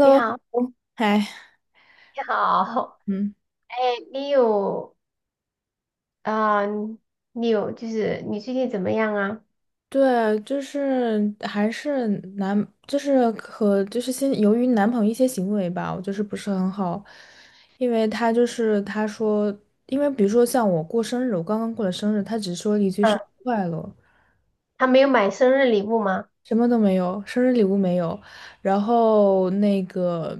你 好，嗨，你好，嗯，哎，你有啊、呃你有就是你最近怎么样啊？对，就是还是就是和就是先由于男朋友一些行为吧，我就是不是很好，因为他就是他说，因为比如说像我过生日，我刚刚过了生日，他只说了一句嗯，生日快乐，他没有买生日礼物吗？什么都没有，生日礼物没有，然后那个，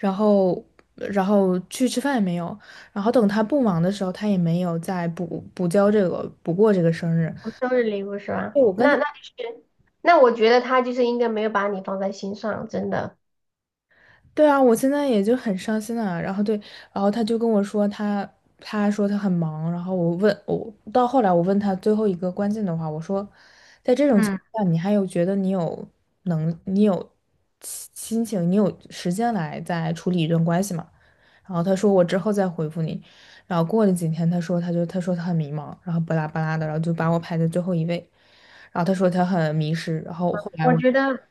然后然后去吃饭也没有，然后等他不忙的时候，他也没有再补过这个生日。哦生日礼物是吧？对，我跟那他。那就是，那我觉得他就是应该没有把你放在心上，真的。对啊，我现在也就很伤心啊。然后对，然后他就跟我说他很忙。然后我问我到后来我问他最后一个关键的话，我说，在这种情嗯，况下，你还有觉得你有心情，你有时间来再处理一段关系吗？然后他说我之后再回复你。然后过了几天，他说他很迷茫，然后巴拉巴拉的，然后就把我排在最后一位。然后他说他很迷失，然后后来我我觉得，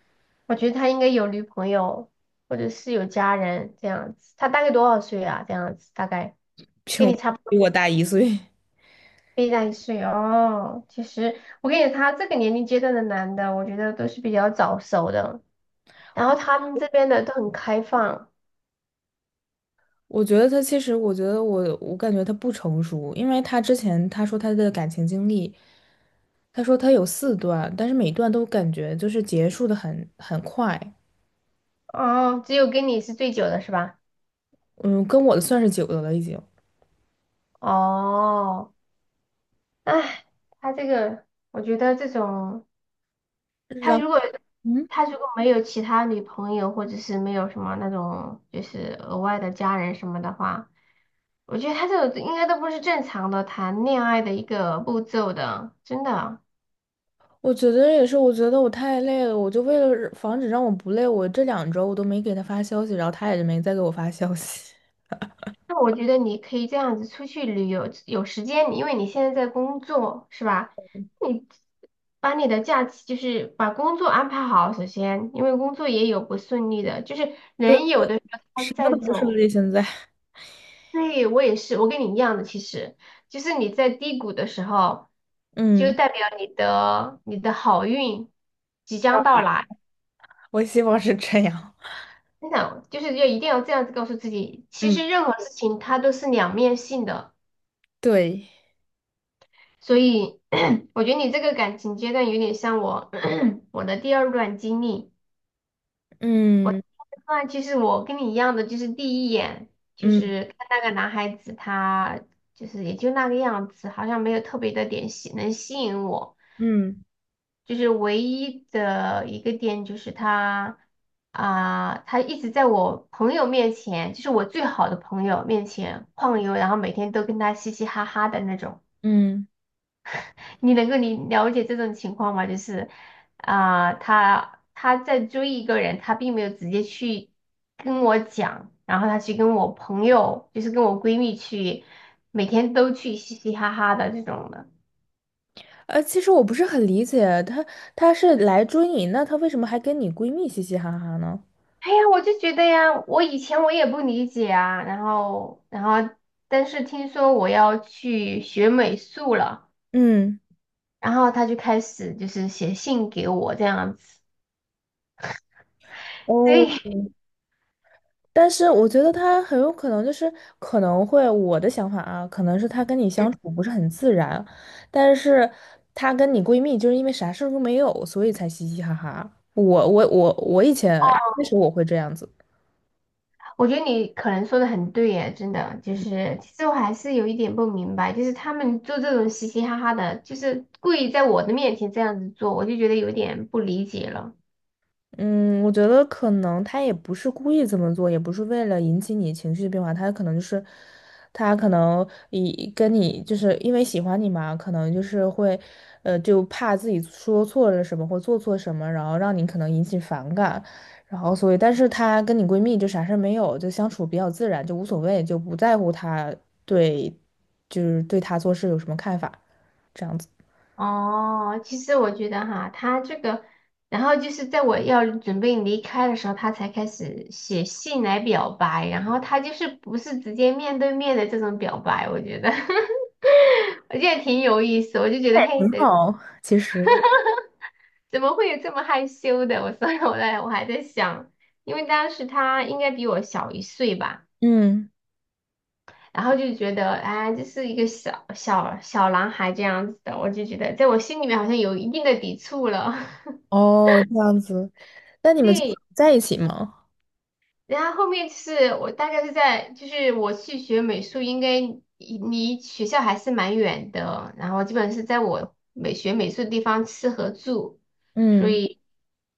我觉得他应该有女朋友或者是有家人这样子。他大概多少岁啊？这样子大概跟就 你差不 多，比我大一岁。比你大一岁哦。其实我跟你讲，他这个年龄阶段的男的，我觉得都是比较早熟的。然后他们这边的都很开放，我觉得他其实，我觉得我感觉他不成熟，因为他之前他说他的感情经历，他说他有四段，但是每段都感觉就是结束的很快，哦，只有跟你是最久的是吧？嗯，跟我的算是久的了已经。哦，哎，他这个，我觉得这种，他然如果后，嗯，他如果没有其他女朋友，或者是没有什么那种就是额外的家人什么的话，我觉得他这种应该都不是正常的谈恋爱的一个步骤的，真的。我觉得也是，我觉得我太累了，我就为了防止让我不累，我这两周我都没给他发消息，然后他也就没再给我发消息，那我觉得你可以这样子出去旅游，有时间你因为你现在在工作，是吧？你把你的假期就是把工作安排好，首先，因为工作也有不顺利的，就是 对，人有的时候他什么在都不是走，了，现在，对，我也是，我跟你一样的，其实就是你在低谷的时候，就嗯，代表你的好运即将到来。我希望是这样，真的，就是要一定要这样子告诉自己，其嗯，实任何事情它都是两面性的。对，所以 我觉得你这个感情阶段有点像我 我的第二段经历。嗯那其实我跟你一样的，就是第一眼就嗯是看那个男孩子，他就是也就那个样子，好像没有特别的点能吸引我。嗯就是唯一的一个点就是他一直在我朋友面前，就是我最好的朋友面前晃悠，然后每天都跟他嘻嘻哈哈的那种。嗯。你能够了解这种情况吗？就是他在追一个人，他并没有直接去跟我讲，然后他去跟我朋友，就是跟我闺蜜去，每天都去嘻嘻哈哈的这种的。其实我不是很理解，她她是来追你，那她为什么还跟你闺蜜嘻嘻哈哈呢？哎呀，我就觉得呀，我以前我也不理解啊，但是听说我要去学美术了，嗯，然后他就开始就是写信给我这样子，所哦，以但是我觉得她很有可能就是可能会我的想法啊，可能是她跟你相处不是很自然，但是她跟你闺蜜就是因为啥事儿都没有，所以才嘻嘻哈哈。我以前那时候我会这样子。我觉得你可能说的很对耶，真的，就是其实我还是有一点不明白，就是他们做这种嘻嘻哈哈的，就是故意在我的面前这样子做，我就觉得有点不理解了。嗯，我觉得可能他也不是故意这么做，也不是为了引起你情绪的变化，他可能就是，他可能以跟你就是因为喜欢你嘛，可能就是会，就怕自己说错了什么或做错什么，然后让你可能引起反感，然后所以，但是她跟你闺蜜就啥事儿没有，就相处比较自然，就无所谓，就不在乎她对，就是对她做事有什么看法，这样子哦，其实我觉得哈，他这个，然后就是在我要准备离开的时候，他才开始写信来表白，然后他就是不是直接面对面的这种表白，我觉得，我觉得挺有意思，我就觉得很嘿，好，其实，怎么会有这么害羞的？我 所以我在我还在想，因为当时他应该比我小一岁吧，嗯。然后就觉得，哎，这是一个小小小男孩这样子的，我就觉得在我心里面好像有一定的抵触了。哦，这样子。那你们最后对，在一起吗？然后后面就是我大概是在，就是我去学美术，应该离学校还是蛮远的，然后基本是在我美学美术的地方吃和住，所嗯以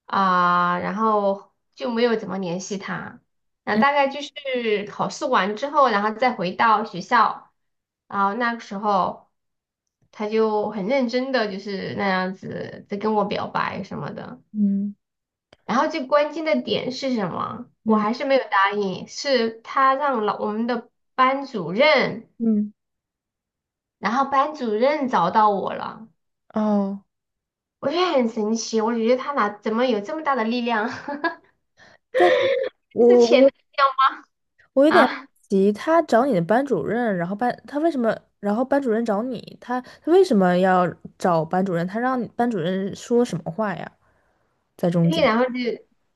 然后就没有怎么联系他。然后嗯大概就是考试完之后，然后再回到学校，然后那个时候他就很认真的就是那样子在跟我表白什么的。嗯然后最关键的点是什么？我嗯还是没有答应，是他让我们的班主任，嗯。然后班主任找到我了，哦，我觉得很神奇，我觉得他怎么有这么大的力量，但是就是我钱的我力我有量点啊！急，他找你的班主任，然后班他为什么，然后班主任找你，他他为什么要找班主任？他让班主任说什么话呀？在 中间，对，然后就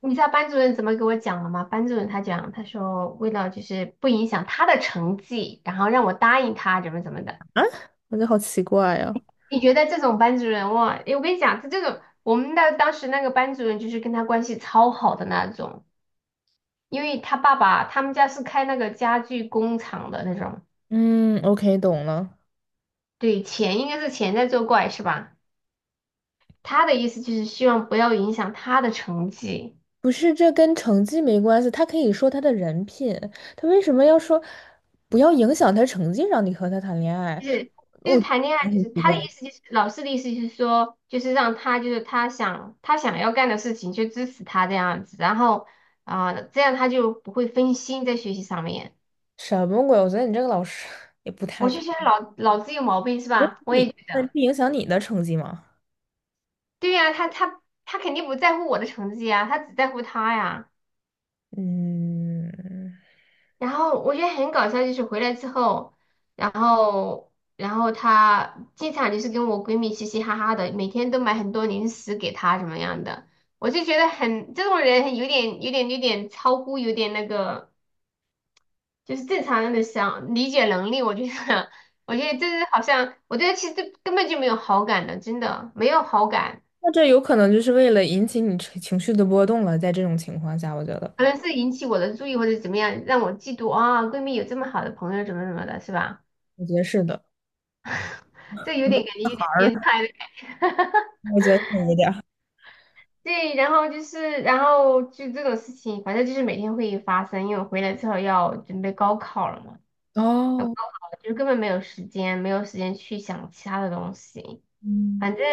你知道班主任怎么给我讲了吗？班主任他讲，他说为了就是不影响他的成绩，然后让我答应他怎么怎么的。我觉得好奇怪呀。你觉得这种班主任哇？诶我跟你讲，他这种我们的当时那个班主任就是跟他关系超好的那种。因为他爸爸他们家是开那个家具工厂的那种，嗯，OK，懂了。对，钱应该是钱在作怪是吧？他的意思就是希望不要影响他的成绩，不是，这跟成绩没关系，他可以说他的人品，他为什么要说不要影响他成绩，让你和他谈恋爱？就是就是我觉谈恋爱，得就很是奇他怪，的意思就是老师的意思就是说，就是让他就是他想要干的事情就支持他这样子，然后这样他就不会分心在学习上面。什么鬼？我觉得你这个老师也不太我就觉得老子有毛病是吧？我你，也觉那得，不影响你的成绩吗？对呀、他肯定不在乎我的成绩啊，他只在乎他呀。嗯，然后我觉得很搞笑，就是回来之后，然后她经常就是跟我闺蜜嘻嘻哈哈的，每天都买很多零食给她怎么样的，我就觉得很这种人有点超乎有点那个，就是正常人的想理解能力，我觉得 我觉得这是好像我对她其实根本就没有好感的，真的没有好感，那这有可能就是为了引起你情绪的波动了。在这种情况下，我觉得，可能是引起我的注意或者怎么样，让我嫉妒啊，闺蜜有这么好的朋友怎么怎么的，是吧？我觉得是的。这有点感觉有玩点儿变了态的感觉。我觉得有一点对，然后就这种事情，反正就是每天会发生，因为我回来之后要准备高考了嘛，儿要高哦，考了就根本没有时间，没有时间去想其他的东西。嗯反正，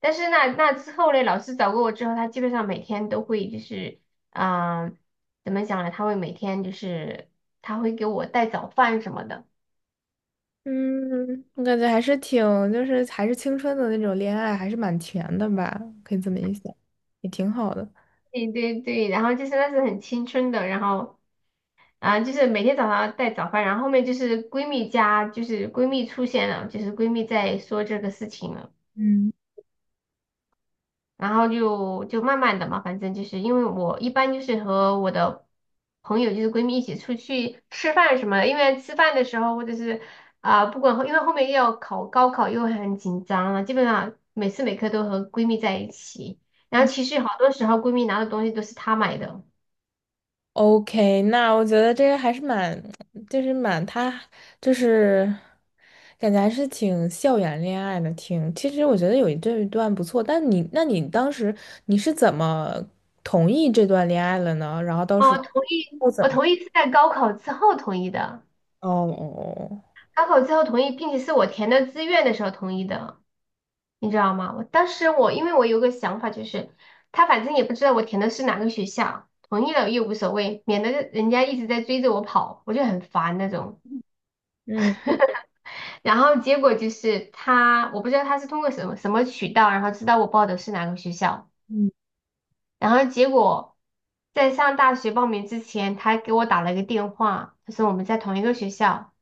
但是那之后呢，老师找过我之后，他基本上每天都会就是，嗯、怎么讲呢？他会每天就是他会给我带早饭什么的。嗯，我感觉还是挺，就是还是青春的那种恋爱，还是蛮甜的吧？可以这么一想，也挺好的。对对对，然后就是那是很青春的，然后就是每天早上带早饭，然后后面就是闺蜜家，就是闺蜜出现了，就是闺蜜在说这个事情了，嗯。然后就慢慢的嘛，反正就是因为我一般就是和我的朋友就是闺蜜一起出去吃饭什么的，因为吃饭的时候或者是啊、不管后因为后面又要考高考又很紧张了，基本上每次每刻都和闺蜜在一起，然后其实好多时候闺蜜拿的东西都是她买的，OK，那我觉得这个还是蛮，就是蛮他，就是感觉还是挺校园恋爱的，挺。其实我觉得有一这一段不错，但你，那你当时你是怎么同意这段恋爱了呢？然后到哦，时我同意，候怎我么？同意是在高考之后同意的。哦哦哦，高考之后同意，并且是我填的志愿的时候同意的，你知道吗？我当时我因为我有个想法，就是他反正也不知道我填的是哪个学校，同意了又无所谓，免得人家一直在追着我跑，我就很烦那种。嗯然后结果就是我不知道他是通过什么什么渠道，然后知道我报的是哪个学校，嗯然后结果在上大学报名之前，他给我打了个电话，他说我们在同一个学校，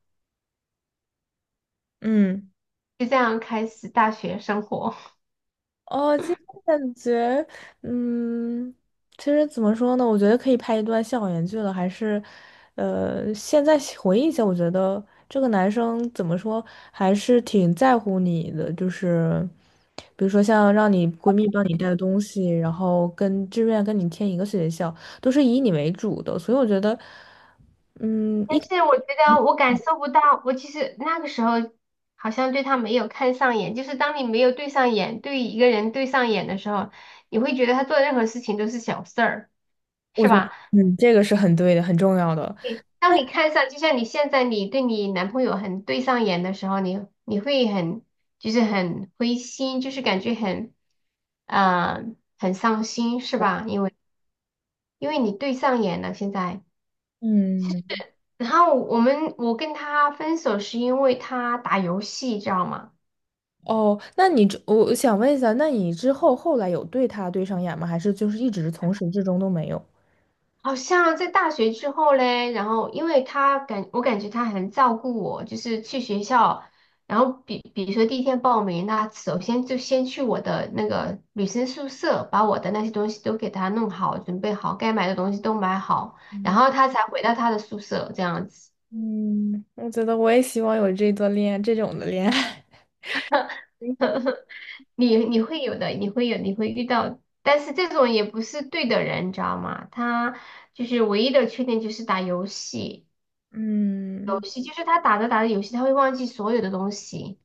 嗯。就这样开始大学生活。哦，其实感觉，嗯，其实怎么说呢？我觉得可以拍一段校园剧了，还是，现在回忆一下，我觉得这个男生怎么说，还是挺在乎你的，就是，比如说像让你闺蜜帮你带东西，然后跟志愿跟你填一个学校，都是以你为主的，所以我觉得，但是我觉得我感受不到，我其实那个时候好像对他没有看上眼，就是当你没有对上眼，对一个人对上眼的时候，你会觉得他做任何事情都是小事儿，我是觉得，吧？嗯，这个是很对的，很重要的，对，当你看上，就像你现在你对你男朋友很对上眼的时候，你会很就是很灰心，就是感觉嗯，很伤心，是吧？因为你对上眼了，现在。嗯。然后我跟他分手是因为他打游戏，知道吗？哦，那你之我我想问一下，那你之后有对他对上眼吗？还是就是一直从始至终都没有？好像在大学之后嘞，然后因为我感觉他很照顾我，就是去学校，然后比如说第一天报名，那首先就先去我的那个女生宿舍，把我的那些东西都给他弄好，准备好，该买的东西都买好，然后他才回到他的宿舍这样子。嗯，我觉得我也希望有这段恋爱，这种的恋爱。你会有的，你会有，你会遇到，但是这种也不是对的人，你知道吗？他就是唯一的缺点就是打游戏，嗯，游戏就是他打着打着游戏，他会忘记所有的东西。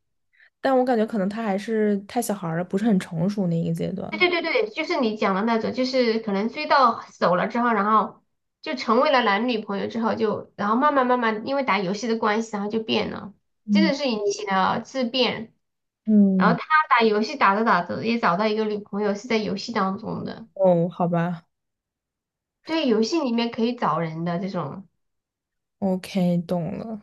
但我感觉可能他还是太小孩儿了，不是很成熟那一个阶对段。对对对，就是你讲的那种，就是可能追到手了之后，然后就成为了男女朋友之后就，然后慢慢慢慢因为打游戏的关系，然后就变了，真嗯的是引起了质变。然后嗯，他打游戏打着打着也找到一个女朋友是在游戏当中的。哦，好吧对，游戏里面可以找人的这种，，OK，懂了，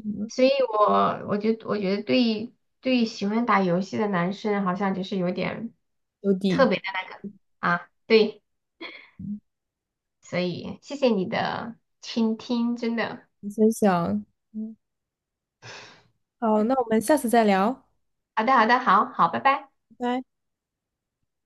嗯所以我觉得对喜欢打游戏的男生好像就是有点有特底，别的那个啊，对，所以谢谢你的倾听，真的，你先想。嗯，好，那我们下次再聊。好的好的，好好，拜拜。拜拜。